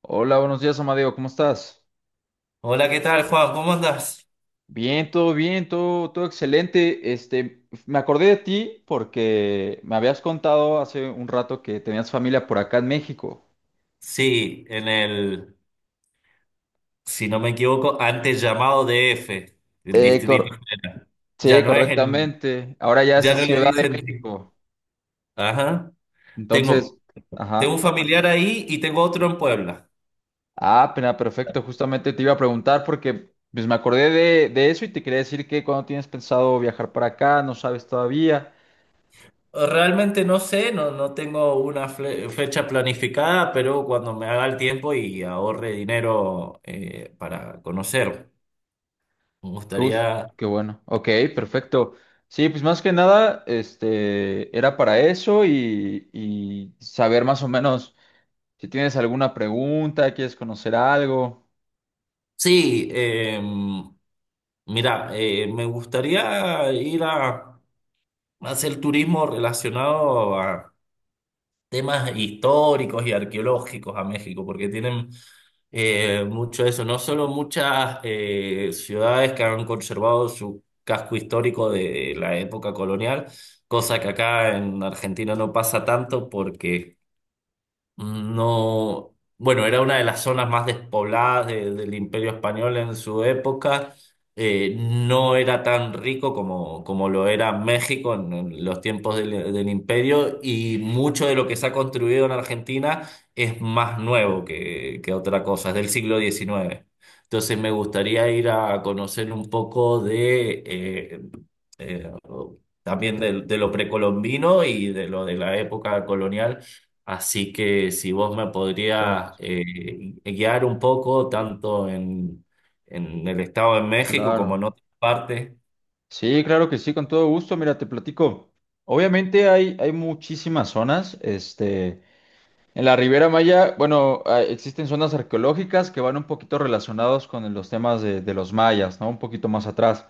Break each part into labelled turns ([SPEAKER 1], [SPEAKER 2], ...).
[SPEAKER 1] Hola, buenos días, Amadeo, ¿cómo estás?
[SPEAKER 2] Hola, ¿qué tal, Juan? ¿Cómo andas?
[SPEAKER 1] Bien, todo bien, todo excelente. Me acordé de ti porque me habías contado hace un rato que tenías familia por acá en México.
[SPEAKER 2] Sí, en el, si no me equivoco, antes llamado DF, el
[SPEAKER 1] Eh,
[SPEAKER 2] Distrito
[SPEAKER 1] cor-
[SPEAKER 2] Federal. Ya
[SPEAKER 1] sí,
[SPEAKER 2] no es el,
[SPEAKER 1] correctamente. Ahora ya es
[SPEAKER 2] ya no le
[SPEAKER 1] Ciudad de
[SPEAKER 2] dicen.
[SPEAKER 1] México.
[SPEAKER 2] Ajá.
[SPEAKER 1] Entonces,
[SPEAKER 2] Tengo, tengo un
[SPEAKER 1] ajá.
[SPEAKER 2] familiar ahí y tengo otro en Puebla.
[SPEAKER 1] Ah, pena, perfecto. Justamente te iba a preguntar porque pues, me acordé de eso y te quería decir que cuando tienes pensado viajar para acá, no sabes todavía.
[SPEAKER 2] Realmente no sé, no, no tengo una fle- fecha planificada, pero cuando me haga el tiempo y ahorre dinero para conocer, me
[SPEAKER 1] Justo,
[SPEAKER 2] gustaría.
[SPEAKER 1] qué bueno. Ok, perfecto. Sí, pues más que nada, era para eso y saber más o menos si tienes alguna pregunta, quieres conocer algo.
[SPEAKER 2] Sí, mira, me gustaría ir a hacer turismo relacionado a temas históricos y arqueológicos a México, porque tienen mucho eso, no solo muchas ciudades que han conservado su casco histórico de la época colonial, cosa que acá en Argentina no pasa tanto porque no, bueno, era una de las zonas más despobladas de- del Imperio Español en su época. No era tan rico como, como lo era México en los tiempos del, del Imperio, y mucho de lo que se ha construido en Argentina es más nuevo que otra cosa, es del siglo XIX. Entonces me gustaría ir a conocer un poco de, eh, también de lo precolombino y de lo de la época colonial. Así que si vos me podrías
[SPEAKER 1] Exacto,
[SPEAKER 2] guiar un poco, tanto en el estado de México como
[SPEAKER 1] claro.
[SPEAKER 2] en otras partes,
[SPEAKER 1] Sí, claro que sí, con todo gusto. Mira, te platico. Obviamente hay muchísimas zonas, en la Riviera Maya, bueno, ah, existen zonas arqueológicas que van un poquito relacionados con los temas de los mayas, ¿no? Un poquito más atrás.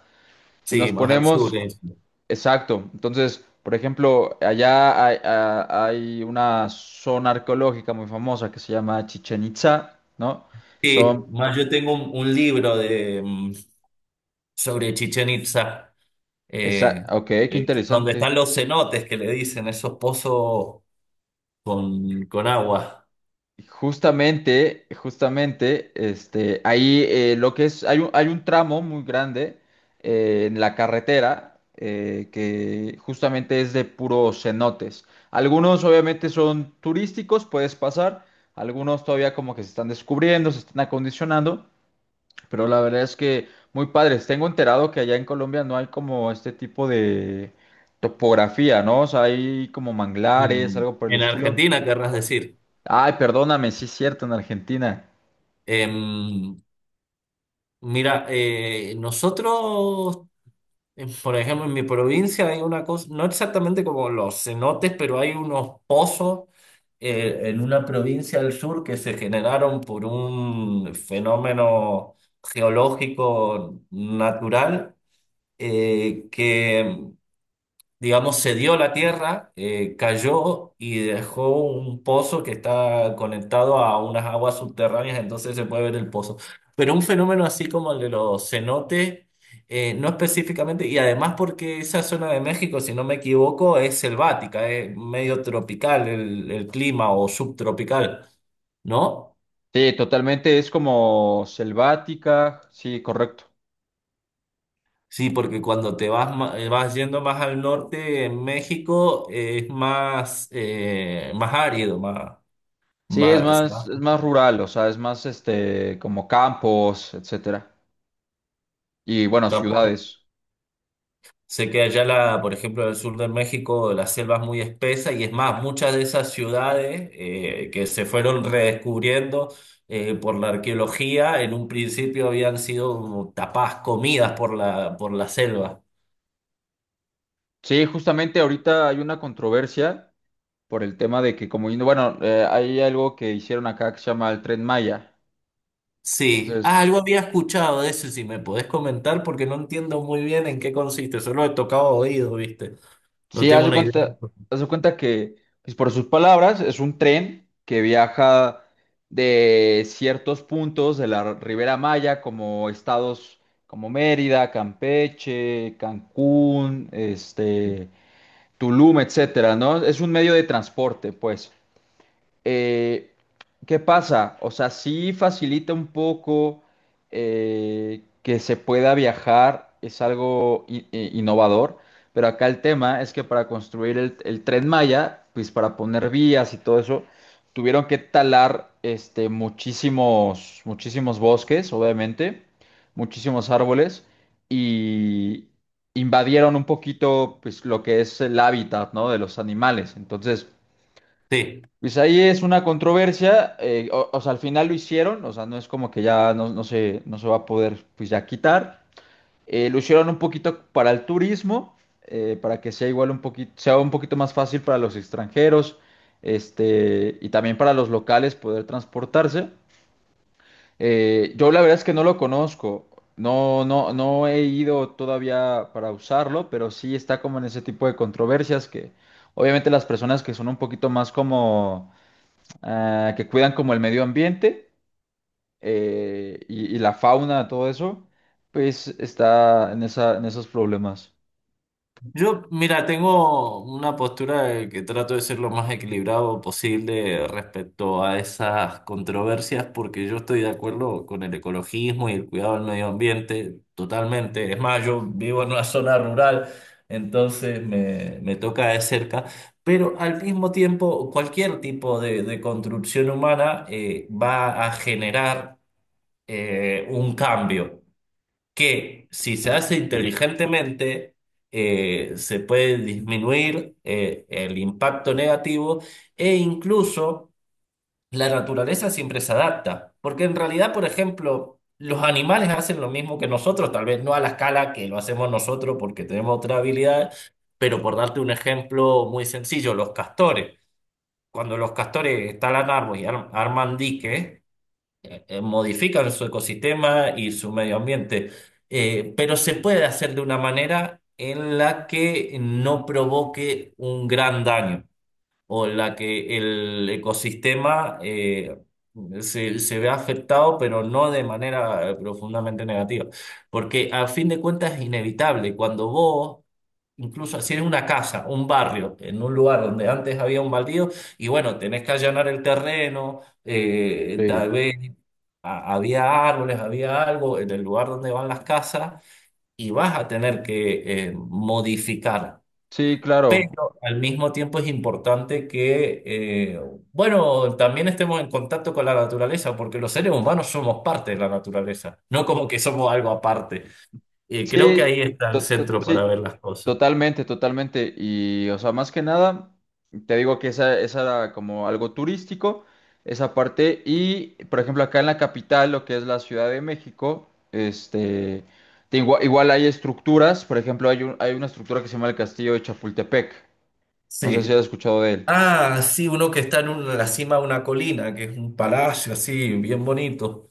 [SPEAKER 1] Si nos
[SPEAKER 2] sí, más al sur.
[SPEAKER 1] ponemos exacto. Entonces, por ejemplo, hay una zona arqueológica muy famosa que se llama Chichen Itza, ¿no?
[SPEAKER 2] Sí,
[SPEAKER 1] Son,
[SPEAKER 2] más yo tengo un libro de, sobre Chichén Itzá,
[SPEAKER 1] esa,
[SPEAKER 2] eh,
[SPEAKER 1] ok, qué
[SPEAKER 2] donde están
[SPEAKER 1] interesante.
[SPEAKER 2] los cenotes que le dicen, esos pozos con agua.
[SPEAKER 1] Justamente, ahí lo que es, hay un tramo muy grande en la carretera que justamente es de puros cenotes. Algunos obviamente son turísticos, puedes pasar. Algunos todavía como que se están descubriendo, se están acondicionando. Pero la verdad es que muy padres. Tengo enterado que allá en Colombia no hay como este tipo de topografía, ¿no? O sea, hay como manglares, algo por el
[SPEAKER 2] En
[SPEAKER 1] estilo.
[SPEAKER 2] Argentina, querrás decir.
[SPEAKER 1] Ay, perdóname, sí es cierto, en Argentina.
[SPEAKER 2] Em, mira, nosotros, por ejemplo, en mi provincia hay una cosa, no exactamente como los cenotes, pero hay unos pozos en una provincia del sur que se generaron por un fenómeno geológico natural que digamos, cedió la tierra, cayó y dejó un pozo que está conectado a unas aguas subterráneas, entonces se puede ver el pozo. Pero un fenómeno así como el de los cenotes, no específicamente, y además porque esa zona de México, si no me equivoco, es selvática, es medio tropical el clima o subtropical, ¿no?
[SPEAKER 1] Sí, totalmente es como selvática. Sí, correcto.
[SPEAKER 2] Sí, porque cuando te vas, ma- vas yendo más al norte, en México es más, más árido, más,
[SPEAKER 1] Sí,
[SPEAKER 2] va, se va.
[SPEAKER 1] es más rural, o sea, es más como campos, etcétera. Y bueno,
[SPEAKER 2] Campo-
[SPEAKER 1] ciudades.
[SPEAKER 2] sé que allá, la, por ejemplo, en el sur de México, la selva es muy espesa y es más, muchas de esas ciudades que se fueron redescubriendo por la arqueología, en un principio habían sido como tapadas, comidas por la selva.
[SPEAKER 1] Sí, justamente ahorita hay una controversia por el tema de que como, bueno, hay algo que hicieron acá que se llama el Tren Maya.
[SPEAKER 2] Sí,
[SPEAKER 1] Entonces,
[SPEAKER 2] ah, algo había escuchado de eso, si me podés comentar, porque no entiendo muy bien en qué consiste, solo he tocado oído, ¿viste? No
[SPEAKER 1] sí,
[SPEAKER 2] tengo una idea.
[SPEAKER 1] haz de cuenta que, pues, por sus palabras, es un tren que viaja de ciertos puntos de la Ribera Maya, como estados como Mérida, Campeche, Cancún, Tulum, etcétera, ¿no? Es un medio de transporte, pues. Eh, ¿Qué pasa? O sea, sí facilita un poco que se pueda viajar, es algo innovador, pero acá el tema es que para construir el Tren Maya, pues para poner vías y todo eso, tuvieron que talar muchísimos bosques, obviamente, muchísimos árboles y invadieron un poquito pues, lo que es el hábitat, ¿no? de los animales. Entonces,
[SPEAKER 2] Sí.
[SPEAKER 1] pues ahí es una controversia, o sea, al final lo hicieron, o sea, no es como que ya no, no se va a poder pues ya quitar. Lo hicieron un poquito para el turismo, para que sea igual un poquito, sea un poquito más fácil para los extranjeros, y también para los locales poder transportarse. Yo la verdad es que no lo conozco, no he ido todavía para usarlo, pero sí está como en ese tipo de controversias que obviamente las personas que son un poquito más como ah, que cuidan como el medio ambiente y la fauna, todo eso, pues está en esos problemas.
[SPEAKER 2] Yo, mira, tengo una postura de que trato de ser lo más equilibrado posible respecto a esas controversias, porque yo estoy de acuerdo con el ecologismo y el cuidado del medio ambiente totalmente. Es más, yo vivo en una zona rural, entonces me toca de cerca, pero al mismo tiempo, cualquier tipo de construcción humana va a generar un cambio que si se hace inteligentemente, se puede disminuir el impacto negativo e incluso la naturaleza siempre se adapta, porque en realidad, por ejemplo, los animales hacen lo mismo que nosotros, tal vez no a la escala que lo hacemos nosotros porque tenemos otra habilidad, pero por darte un ejemplo muy sencillo, los castores. Cuando los castores talan árboles y ar- arman diques, modifican su ecosistema y su medio ambiente. Pero se puede hacer de una manera en la que no provoque un gran daño o en la que el ecosistema se ve afectado, pero no de manera profundamente negativa. Porque a fin de cuentas es inevitable. Cuando vos, incluso si eres una casa, un barrio, en un lugar donde antes había un baldío, y bueno, tenés que allanar el terreno, tal
[SPEAKER 1] Sí,
[SPEAKER 2] vez a- había árboles, había algo en el lugar donde van las casas, y vas a tener que modificar.
[SPEAKER 1] sí, claro.
[SPEAKER 2] Pero al mismo tiempo es importante que, bueno, también estemos en contacto con la naturaleza, porque los seres humanos somos parte de la naturaleza, no como que somos algo aparte. Y creo que ahí
[SPEAKER 1] Sí,
[SPEAKER 2] está el centro para
[SPEAKER 1] sí,
[SPEAKER 2] ver las cosas.
[SPEAKER 1] totalmente, totalmente. Y, o sea, más que nada, te digo que esa era como algo turístico, esa parte. Y, por ejemplo, acá en la capital, lo que es la Ciudad de México, Igual, hay estructuras, por ejemplo, hay una estructura que se llama el Castillo de Chapultepec. No sé si has
[SPEAKER 2] Sí.
[SPEAKER 1] escuchado de él.
[SPEAKER 2] Ah, sí, uno que está en un- la cima de una colina, que es un palacio así, bien bonito.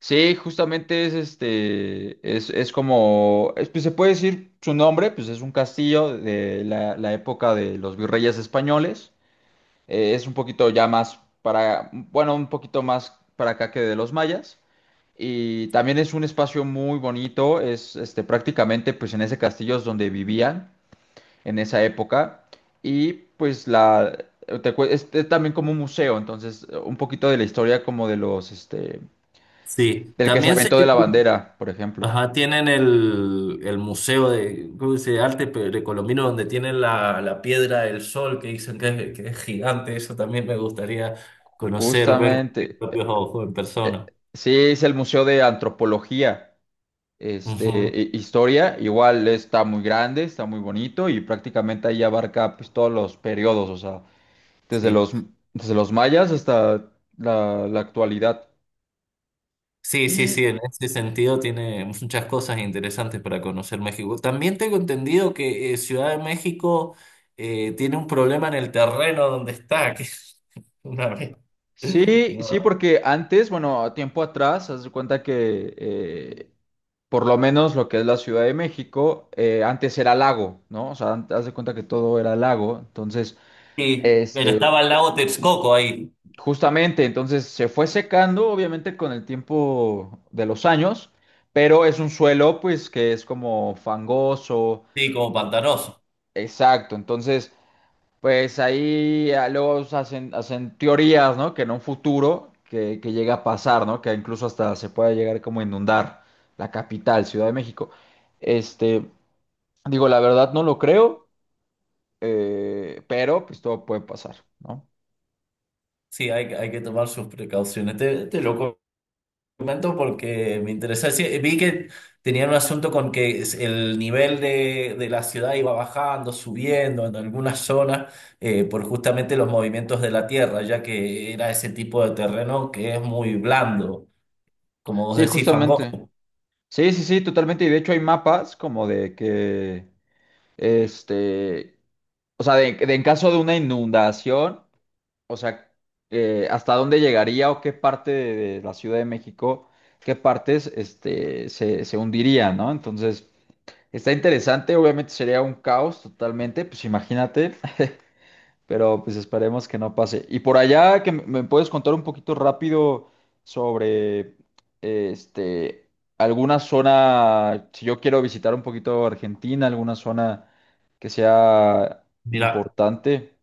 [SPEAKER 1] Sí, justamente es como, pues se puede decir su nombre, pues es un castillo de la época de los virreyes españoles. Es un poquito ya más para, bueno, un poquito más para acá que de los mayas. Y también es un espacio muy bonito, es prácticamente pues en ese castillo es donde vivían en esa época. Y pues es también como un museo, entonces un poquito de la historia como de los,
[SPEAKER 2] Sí,
[SPEAKER 1] el que se
[SPEAKER 2] también se
[SPEAKER 1] aventó de la bandera, por ejemplo.
[SPEAKER 2] ajá, tienen el museo de, ¿cómo se dice? Arte precolombino, donde tienen la, la piedra del sol, que dicen que es gigante. Eso también me gustaría conocer, ver con mis
[SPEAKER 1] Justamente.
[SPEAKER 2] propios ojos en
[SPEAKER 1] eh,
[SPEAKER 2] persona.
[SPEAKER 1] Sí, es el Museo de Antropología,
[SPEAKER 2] Ujú.
[SPEAKER 1] Historia. Igual está muy grande, está muy bonito y prácticamente ahí abarca pues, todos los periodos, o sea, desde
[SPEAKER 2] Sí.
[SPEAKER 1] los, desde los mayas hasta la actualidad.
[SPEAKER 2] Sí, sí,
[SPEAKER 1] Y
[SPEAKER 2] sí, en ese sentido tiene muchas cosas interesantes para conocer México. También tengo entendido que Ciudad de México tiene un problema en el terreno donde está, que es una vez.
[SPEAKER 1] sí, sí, porque antes, bueno, a tiempo atrás, haz de cuenta que por lo menos lo que es la Ciudad de México, antes era lago, ¿no? O sea, haz de cuenta que todo era lago. Entonces,
[SPEAKER 2] Sí, pero
[SPEAKER 1] Este,
[SPEAKER 2] estaba el lago Texcoco ahí.
[SPEAKER 1] justamente, entonces se fue secando, obviamente, con el tiempo de los años, pero es un suelo, pues, que es como fangoso,
[SPEAKER 2] Sí, como pantanoso.
[SPEAKER 1] exacto. Entonces, pues ahí ah, luego se hacen, hacen teorías, ¿no? Que en un futuro que llega a pasar, ¿no? Que incluso hasta se pueda llegar como a inundar la capital, Ciudad de México. Este, Digo, la verdad no lo creo, pero pues todo puede pasar, ¿no?
[SPEAKER 2] Sí, hay que tomar sus precauciones. Te lo comento porque me interesa. Sí, vi que tenían un asunto con que es- el nivel de la ciudad iba bajando, subiendo en algunas zonas por justamente los movimientos de la tierra, ya que era ese tipo de terreno que es muy blando, como vos
[SPEAKER 1] Sí,
[SPEAKER 2] decís,
[SPEAKER 1] justamente.
[SPEAKER 2] fangoso.
[SPEAKER 1] Sí, sí, sí, totalmente. Y de hecho hay mapas como de que, este, o sea, de en caso de una inundación, o sea, hasta dónde llegaría o qué parte de la Ciudad de México, qué partes, se hundiría, ¿no? Entonces, está interesante, obviamente sería un caos totalmente, pues imagínate. Pero pues esperemos que no pase. Y por allá, que me puedes contar un poquito rápido sobre este alguna zona, si yo quiero visitar un poquito Argentina, alguna zona que sea
[SPEAKER 2] Mira.
[SPEAKER 1] importante.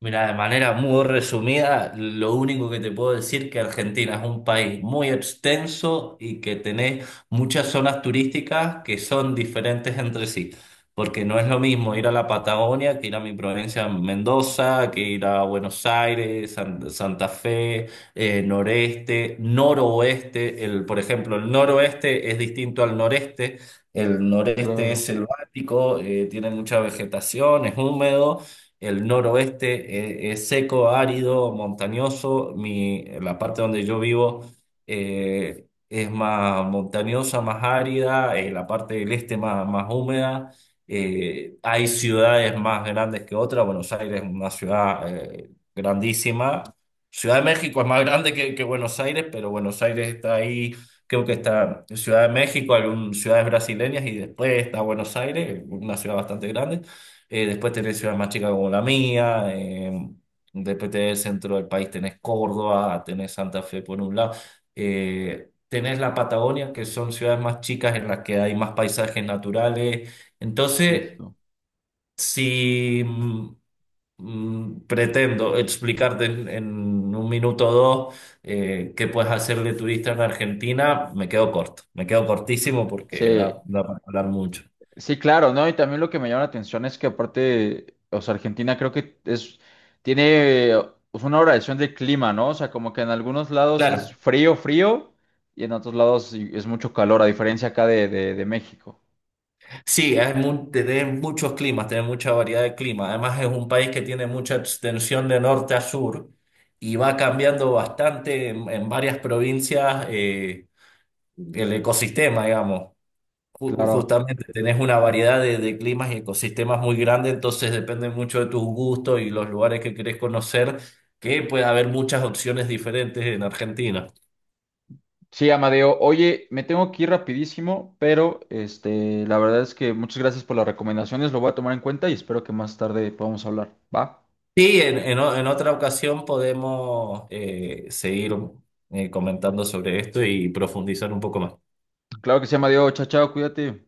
[SPEAKER 2] Mira, de manera muy resumida, lo único que te puedo decir que Argentina es un país muy extenso y que tenés muchas zonas turísticas que son diferentes entre sí, porque no es lo mismo ir a la Patagonia que ir a mi provincia Mendoza, que ir a Buenos Aires, San- Santa Fe, noreste, noroeste. El, por ejemplo, el noroeste es distinto al noreste. El noreste es
[SPEAKER 1] Claro.
[SPEAKER 2] selvático, tiene mucha vegetación, es húmedo. El noroeste es seco, árido, montañoso. Mi, la parte donde yo vivo es más montañosa, más árida. La parte del este más, más húmeda. Hay ciudades más grandes que otras. Buenos Aires es una ciudad grandísima. Ciudad de México es más grande que Buenos Aires, pero Buenos Aires está ahí. Creo que está Ciudad de México, algunas ciudades brasileñas y después está Buenos Aires, una ciudad bastante grande. Después tenés ciudades más chicas como la mía, después tenés el centro del país, tenés Córdoba, tenés Santa Fe por un lado, tenés la Patagonia, que son ciudades más chicas en las que hay más paisajes naturales. Entonces,
[SPEAKER 1] Justo.
[SPEAKER 2] si pretendo explicarte en un minuto o dos qué puedes hacer de turista en Argentina, me quedo corto, me quedo cortísimo porque da,
[SPEAKER 1] Sí,
[SPEAKER 2] da para hablar mucho.
[SPEAKER 1] sí, claro, ¿no? Y también lo que me llama la atención es que aparte, o sea, Argentina creo que es, tiene pues, una variación de clima, ¿no? O sea, como que en algunos lados
[SPEAKER 2] Claro.
[SPEAKER 1] es frío, y en otros lados sí es mucho calor, a diferencia acá de México.
[SPEAKER 2] Sí, es mu- tiene muchos climas, tiene mucha variedad de clima. Además, es un país que tiene mucha extensión de norte a sur y va cambiando bastante en varias provincias el ecosistema, digamos. Ju-
[SPEAKER 1] Claro.
[SPEAKER 2] justamente tenés una variedad de climas y ecosistemas muy grande, entonces depende mucho de tus gustos y los lugares que querés conocer, que puede haber muchas opciones diferentes en Argentina.
[SPEAKER 1] Sí, Amadeo, oye, me tengo que ir rapidísimo, pero la verdad es que muchas gracias por las recomendaciones, lo voy a tomar en cuenta y espero que más tarde podamos hablar, ¿va?
[SPEAKER 2] Sí, en o- en otra ocasión podemos seguir comentando sobre esto y profundizar un poco más.
[SPEAKER 1] Claro que sí, Amadeo, chao, chao, cuídate.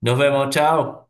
[SPEAKER 2] Nos vemos, chao.